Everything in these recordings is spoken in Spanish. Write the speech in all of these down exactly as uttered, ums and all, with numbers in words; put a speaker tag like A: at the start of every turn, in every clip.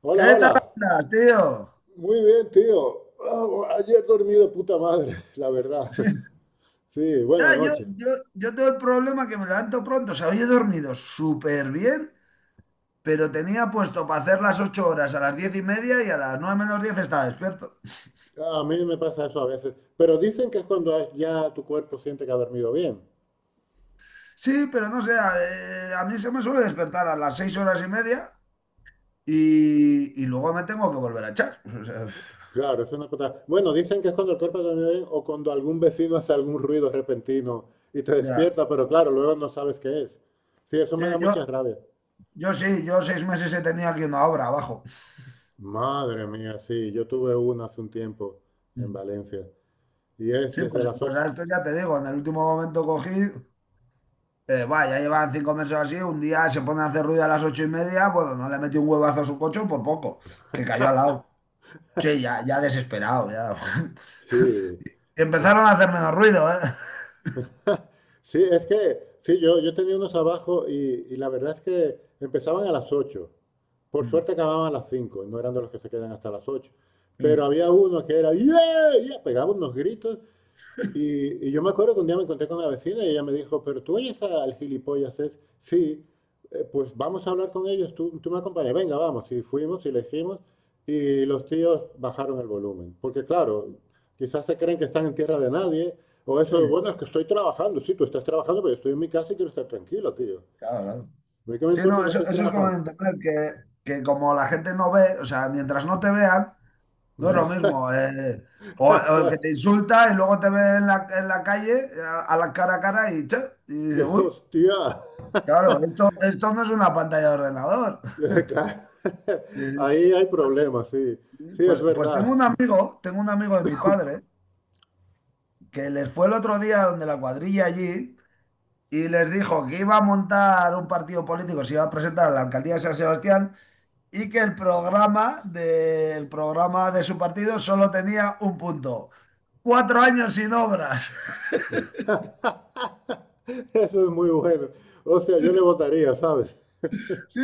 A: Hola,
B: ¿Qué tal
A: hola.
B: andas, tío?
A: Muy bien, tío. Ah, ayer dormí de puta madre, la verdad. Sí,
B: Ya,
A: buena
B: yo,
A: noche.
B: yo, yo tengo el problema que me levanto pronto. O sea, hoy he dormido súper bien, pero tenía puesto para hacer las ocho horas a las diez y media y a las nueve menos diez estaba despierto.
A: Ah, a mí me pasa eso a veces. Pero dicen que es cuando has- ya tu cuerpo siente que ha dormido bien.
B: Sí, pero no sé, a, eh, a mí se me suele despertar a las seis horas y media y, y luego me tengo que volver a echar. O sea,
A: Claro, es una cosa. Bueno, dicen que es cuando el cuerpo ha dormido bien o cuando algún vecino hace algún ruido repentino y te
B: ya.
A: despierta, pero claro, luego no sabes qué es. Sí, eso
B: Sí,
A: me da
B: Yo,
A: mucha rabia.
B: yo sí, yo seis meses he tenido aquí una obra abajo.
A: Madre mía, sí, yo tuve una hace un tiempo en
B: Mm.
A: Valencia y es
B: Sí,
A: desde
B: pues,
A: las
B: pues
A: ocho
B: a esto ya te digo, en el último momento cogí. Eh, va, ya llevan cinco meses así. Un día se pone a hacer ruido a las ocho y media, bueno, no le metió un huevazo a su coche por poco, que cayó al lado. Sí, ya, ya desesperado, ya.
A: Sí, es
B: Empezaron a hacer menos ruido, ¿eh?
A: Sí, es que, sí, yo, yo tenía unos abajo y, y la verdad es que empezaban a las ocho. Por
B: Mm.
A: suerte acababan a las cinco. No eran de los que se quedan hasta las ocho.
B: Sí,
A: Pero había uno que era, ¡yeah! Yeah, pegaba unos gritos y, y yo me acuerdo que un día me encontré con una vecina y ella me dijo, pero tú oyes a- al gilipollas, es, sí, eh, pues vamos a hablar con ellos, tú, tú me acompañas, venga, vamos. Y fuimos y le hicimos y los tíos bajaron el volumen. Porque claro, quizás se creen que están en tierra de nadie o eso,
B: sí,
A: bueno, es que estoy trabajando, sí, tú estás trabajando, pero yo estoy en mi casa y quiero estar tranquilo, tío.
B: claro, claro.
A: ¿A mí qué me
B: Sí,
A: importa
B: no,
A: que
B: eso,
A: estés
B: eso es como en
A: trabajando?
B: internet, que, que, como la gente no ve, o sea, mientras no te vean, no
A: Y
B: es lo
A: esa-
B: mismo. eh. o, o, el que
A: Claro.
B: te insulta y luego te ve en la, en la calle, a, a la cara a cara y, che, y
A: Y,
B: dice, uy,
A: Hostia,
B: claro, esto, esto no es una pantalla de ordenador.
A: claro.
B: Sí.
A: Ahí hay problemas, sí. Sí, es
B: Pues, pues tengo
A: verdad.
B: un amigo, tengo un amigo de mi padre, que les fue el otro día donde la cuadrilla allí y les dijo que iba a montar un partido político, se iba a presentar a la alcaldía de San Sebastián, y que el programa de, el programa de su partido solo tenía un punto. Cuatro años sin obras.
A: Eso es muy bueno. Hostia, yo le votaría, ¿sabes?
B: Sí.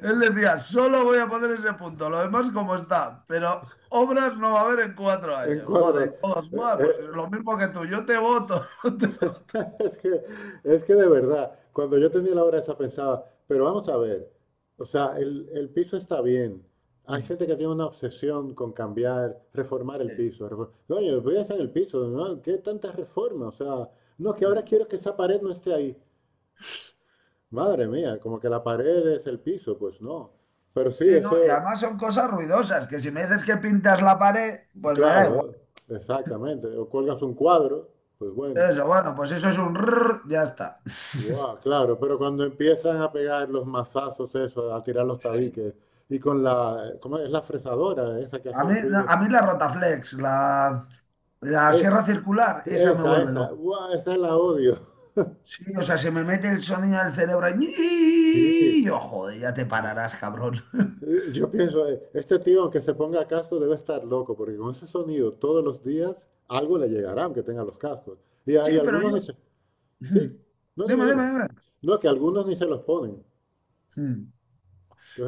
B: Él decía: «Solo voy a poner ese punto, lo demás como está, pero obras no va a haber en cuatro
A: En
B: años. Joder, y
A: cuadro.
B: todos:
A: Eh,
B: «Buah, pues
A: eh,
B: lo mismo que tú, yo te voto».
A: es que, es que, de verdad, cuando yo tenía la hora esa pensaba, pero vamos a ver, o sea, el, el piso está bien. Hay gente que tiene una obsesión con cambiar, reformar el
B: Sí,
A: piso. refor- Coño, voy a hacer el piso, ¿no? ¿Qué tanta reforma? O sea, no, que ahora
B: sí.
A: quiero que esa pared no esté ahí. Madre mía, como que la pared es el piso, pues no. Pero sí,
B: Sí, no, y
A: eso,
B: además son cosas ruidosas, que si me dices que pintas la pared, pues me da
A: claro,
B: igual.
A: exactamente. O cuelgas un cuadro, pues bueno,
B: Eso, bueno, pues eso es un rrr, ya está.
A: guau, claro. Pero cuando empiezan a pegar los mazazos, eso, a tirar los
B: Sí.
A: tabiques, y con la, ¿cómo es la fresadora esa que
B: A
A: hace el
B: mí, no,
A: ruido?
B: a mí la Rotaflex, la, la
A: Es,
B: sierra circular, esa me
A: esa,
B: vuelve
A: esa,
B: loco.
A: guau, esa la odio.
B: Sí, o sea, se me mete el sonido del cerebro
A: Sí,
B: y yo, joder, ya te
A: ma-
B: pararás, cabrón.
A: eh, yo pienso, eh, este tío, aunque se ponga casco, debe estar loco, porque con ese sonido todos los días algo le llegará, aunque tenga los cascos. Y,
B: Sí,
A: hay
B: pero
A: algunos
B: yo...
A: ni se, sí,
B: Mm.
A: no dime,
B: Dime,
A: dime.
B: dime, dime.
A: No, que algunos ni se los ponen.
B: Mm.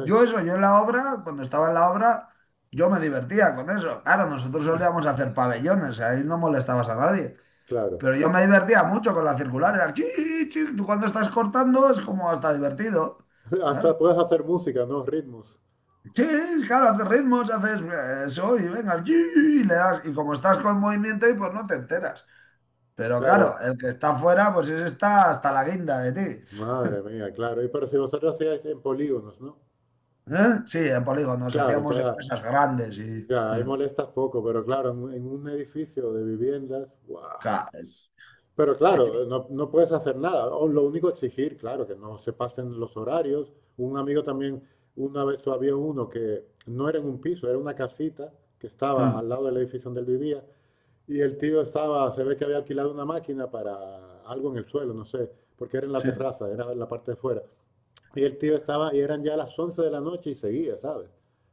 B: Yo eso, yo en la obra, cuando estaba en la obra, yo me divertía con eso. Claro, nosotros solíamos hacer pabellones, ahí no molestabas a nadie.
A: claro.
B: Pero yo me divertía mucho con la circular. Era chi, chi, tú cuando estás cortando es como hasta divertido.
A: Hasta
B: Claro,
A: puedes hacer música, ¿no? Ritmos.
B: chi, claro, haces ritmos, haces eh, eso y venga, chi, y le das. Y como estás con movimiento y pues no te enteras. Pero claro,
A: Claro.
B: el que está fuera, pues ese está hasta la guinda de ti.
A: Madre mía, claro. Y pero si vosotros hacíais en polígonos, ¿no?
B: ¿Eh? Sí, en polígonos
A: Claro,
B: hacíamos
A: entonces
B: empresas grandes y...
A: ya, ya, ahí molestas poco, pero claro, en, un en un edificio de viviendas, ¡guau!
B: Claro, es-
A: Pero
B: sí,
A: claro,
B: sí,
A: no, no puedes hacer nada. O lo único exigir, claro, que no se pasen los horarios. Un amigo también, una vez había uno que no era en un piso, era una casita que estaba
B: eh,
A: al lado del edificio donde él vivía, y el tío estaba, se ve que había alquilado una máquina para algo en el suelo, no sé, porque era en la
B: sí,
A: terraza, era en la parte de fuera. Y el tío estaba, y eran ya las once de la noche y seguía, ¿sabes?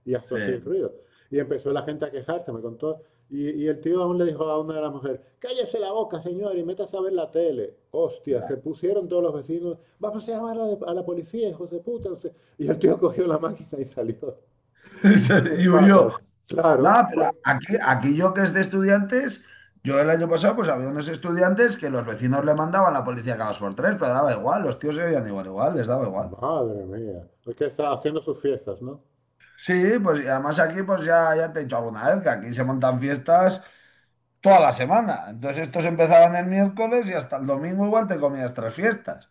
A: Y hasta así
B: sí.
A: ruido. Y empezó la gente a quejarse, me contó. Y, y el tío aún le dijo a una de las mujeres, cállese la boca, señor, y métase a ver la tele. Hostia, se pusieron todos los vecinos, vamos a llamar a la, a la policía, hijos de puta, no sé. Y el tío cogió la máquina y salió
B: O sea,
A: por
B: y huyó.
A: patas.
B: No,
A: Claro,
B: pero
A: porque,
B: aquí, aquí, yo que es de estudiantes, yo el año pasado pues había unos estudiantes que los vecinos le mandaban a la policía cada dos por tres, pero daba igual, los tíos se veían igual, igual, les daba igual.
A: madre mía, porque que está haciendo sus fiestas, ¿no?
B: Sí, pues y además aquí pues ya, ya te he dicho alguna vez que aquí se montan fiestas toda la semana. Entonces estos empezaban el miércoles y hasta el domingo igual te comías tres fiestas.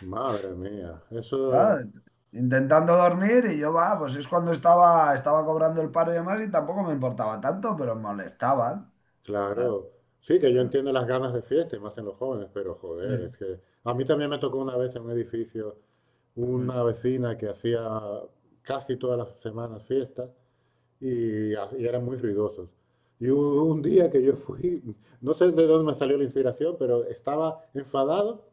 A: Madre mía, eso,
B: ¿Sabes? Intentando dormir y yo va, pues es cuando estaba, estaba, cobrando el paro y demás y tampoco me importaba tanto, pero me molestaban. ¿Sabes?
A: claro. Sí, que yo entiendo las ganas de fiesta y más en los jóvenes, pero
B: Sí,
A: joder, es que a mí también me tocó una vez en un edificio
B: sí,
A: una vecina que hacía casi todas las semanas fiesta y, ha- y eran muy ruidosos. Y
B: sí.
A: hubo un día que yo fui, no sé de dónde me salió la inspiración, pero estaba enfadado.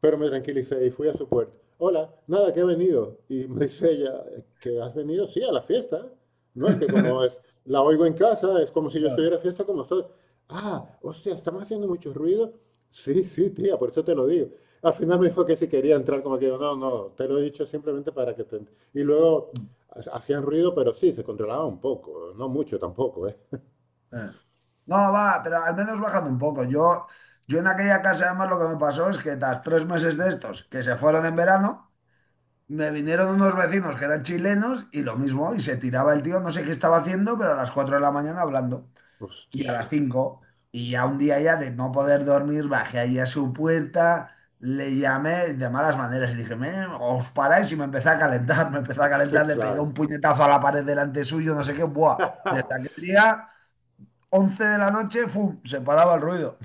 A: Pero me tranquilicé y fui a su puerta. Hola, nada, que he venido. Y me dice ella, ¿que has venido? Sí, a la fiesta. No, es que como es, la oigo en casa, es como si yo
B: Claro.
A: estuviera a fiesta con vosotros. Ah, hostia, estamos haciendo mucho ruido. Sí, sí, tía, por eso te lo digo. Al final me dijo que si quería entrar, como que yo, no, no, te lo he dicho simplemente para que te... ent-". Y luego ha- hacían ruido, pero sí, se controlaba un poco, no mucho tampoco, ¿eh?
B: Eh. No, va, pero al menos bajando un poco. Yo, yo en aquella casa, además, lo que me pasó es que tras tres meses de estos, que se fueron en verano, me vinieron unos vecinos que eran chilenos y lo mismo, y se tiraba el tío, no sé qué estaba haciendo, pero a las cuatro de la mañana hablando, y a las
A: Hostia,
B: cinco, y ya un día ya de no poder dormir, bajé ahí a su puerta, le llamé de malas maneras y dije: "Me, os paráis», y me empecé a calentar. Me empecé a calentar, le pegué
A: claro.
B: un puñetazo a la pared delante suyo, no sé qué, buah. Desde aquel día, once de la noche, ¡fum!, se paraba el ruido.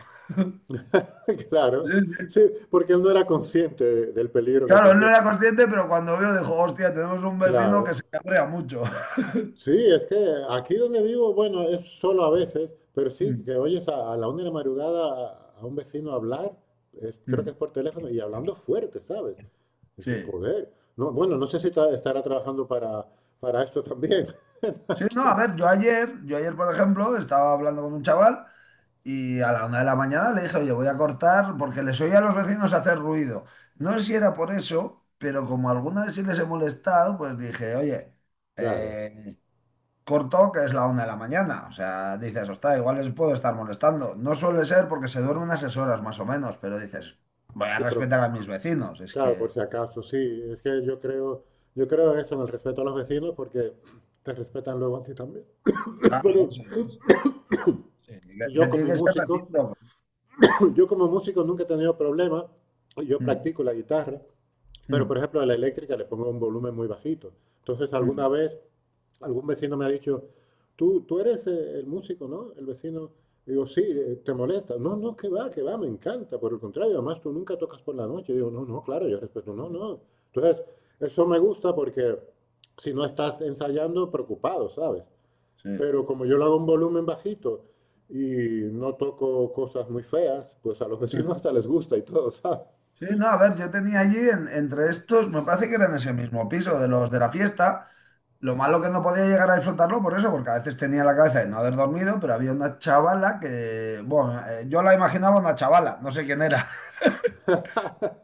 B: Sí,
A: Claro,
B: sí.
A: sí, porque él no era consciente de- del peligro que
B: Claro, él no
A: corría.
B: era consciente, pero cuando vio dijo: «Hostia, tenemos un vecino
A: Claro,
B: que se cabrea mucho».
A: sí, es que aquí donde vivo, bueno, es solo a veces, pero sí,
B: Mm,
A: que oyes a, a la una de la madrugada a, a un vecino hablar, es- creo que es
B: mm.
A: por teléfono, y hablando fuerte, ¿sabes? Eso es
B: Sí.
A: joder. No, bueno, no sé si ta- estará trabajando para, para esto también.
B: Sí, no, a ver, yo ayer, yo ayer, por ejemplo, estaba hablando con un chaval y a la una de la mañana le dije: «Oye, voy a cortar», porque les oía a los vecinos hacer ruido. No sé si era por eso, pero como alguna vez sí les he molestado, pues dije: «Oye,
A: Claro,
B: eh, corto, que es la una de la mañana». O sea, dices, ostras, igual les puedo estar molestando. No suele ser, porque se duerme unas seis horas más o menos, pero dices, voy a
A: sí, pero
B: respetar a mis vecinos. Es
A: claro, por
B: que,
A: si acaso, sí, es que yo creo, yo creo eso en el respeto a los vecinos porque te respetan luego a ti también.
B: claro,
A: Bueno,
B: eso es. Sí, que,
A: yo
B: que tiene
A: como
B: que ser
A: músico.
B: recíproco.
A: Yo como músico nunca he tenido problemas, yo
B: Mm,
A: practico la guitarra, pero por
B: mm,
A: ejemplo a la eléctrica le pongo un volumen muy bajito. Entonces alguna
B: mm,
A: vez algún vecino me ha dicho, tú, tú eres eh, el músico, ¿no? El vecino, digo, sí, eh, te molesta. No, no, que va, que va, me encanta. Por el contrario, además tú nunca tocas por la noche. Digo, no, no, claro, yo respeto, no,
B: mm.
A: no. Entonces, eso me gusta porque si no estás ensayando, preocupado, ¿sabes?
B: Sí.
A: Pero como yo lo hago en volumen bajito y no toco cosas muy feas, pues a los
B: Sí.
A: vecinos hasta les gusta y todo, ¿sabes?
B: Sí, no, a ver, yo tenía allí en- entre estos, me parece que eran ese mismo piso de los de la fiesta. Lo malo que no podía llegar a disfrutarlo por eso, porque a veces tenía la cabeza de no haber dormido, pero había una chavala que, bueno, eh, yo la imaginaba una chavala, no sé quién era,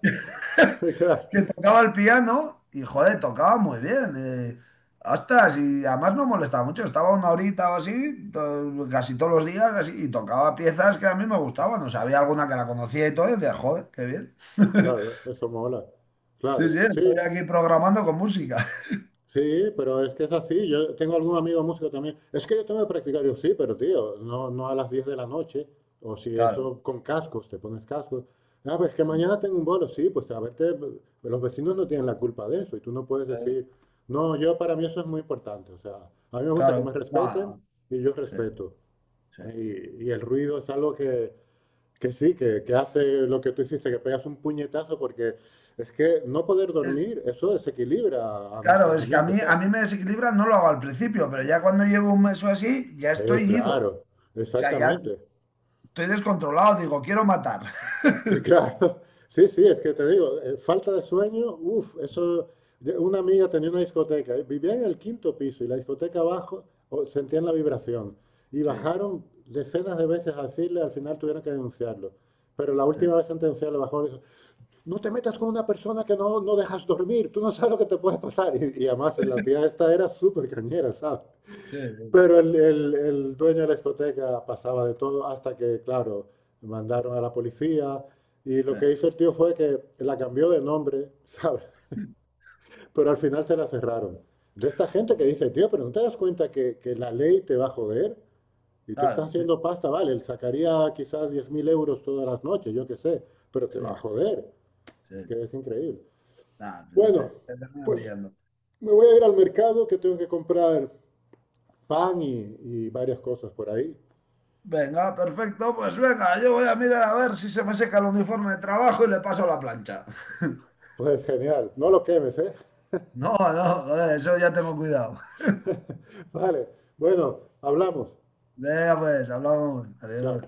A: Claro,
B: que tocaba el piano y, joder, tocaba muy bien. Eh, ostras, y además no molestaba mucho, estaba una horita o así, to- casi todos los días, así, y tocaba piezas que a mí me gustaban, o sea, había alguna que la conocía y todo, y decía, joder, qué bien.
A: claro, eso mola.
B: Sí,
A: Claro,
B: sí,
A: sí,
B: estoy aquí programando con música.
A: sí, pero es que es así. Yo tengo algún amigo músico también. Es que yo tengo que practicar. Yo, sí, pero tío, no, no a las diez de la noche. O si
B: Claro,
A: eso con cascos, te pones cascos. Ah, pues que mañana tengo un bolo. Sí, pues a verte, los vecinos no tienen la culpa de eso. Y tú no puedes
B: eh,
A: decir, no, yo para mí eso es muy importante. O sea, a mí me gusta que
B: claro,
A: me respeten
B: bueno,
A: y yo
B: sí,
A: respeto.
B: sí.
A: Y, y el ruido es algo que, que sí, que, que hace lo que tú hiciste, que pegas un puñetazo porque es que no poder
B: Es-
A: dormir, eso desequilibra a
B: claro,
A: nuestras
B: es que a mí,
A: mentes, ¿sabes?
B: a mí me desequilibra, no lo hago al principio, pero ya cuando llevo un mes o así, ya
A: Eh,
B: estoy ido.
A: claro,
B: O sea, ya
A: exactamente.
B: estoy descontrolado, digo, quiero matar.
A: Eh, Claro, sí, sí, es que te digo, eh, falta de sueño, uff, eso. yo- Una amiga tenía una discoteca, eh, vivía en el quinto piso y la discoteca abajo o- sentían la vibración. Y
B: Sí,
A: bajaron decenas de veces a decirle, al final tuvieron que denunciarlo. Pero la última
B: eh,
A: vez sentenciarlo bajó, y dijo, no te metas con una persona que no, no dejas dormir, tú no sabes lo que te puede pasar. Y, y además la tía esta era súper cañera, ¿sabes?
B: sí, sí,
A: Pero el, el- el dueño de la discoteca pasaba de todo hasta que, claro, mandaron a la policía y lo
B: eh,
A: que hizo el tío fue que la cambió de nombre, ¿sabes? Pero al final se la cerraron. De esta gente que
B: sí,
A: dice, tío, pero ¿no te das cuenta que, que la ley te va a joder? Y tú estás
B: claro, sí,
A: haciendo pasta, vale, él sacaría quizás diez mil euros todas las noches, yo qué sé, pero te va a
B: sí,
A: joder. Es
B: sí.
A: que es increíble.
B: Nah, al final te,
A: Bueno,
B: te terminan
A: pues
B: pillando.
A: me voy a ir al mercado que tengo que comprar pan y, y varias cosas por ahí.
B: Venga, perfecto, pues venga, yo voy a mirar a ver si se me seca el uniforme de trabajo y le paso la plancha.
A: Pues genial, no lo quemes, ¿eh?
B: No, no, joder, eso ya tengo cuidado.
A: Vale, bueno, hablamos.
B: Venga, pues hablamos.
A: Chao.
B: Adiós.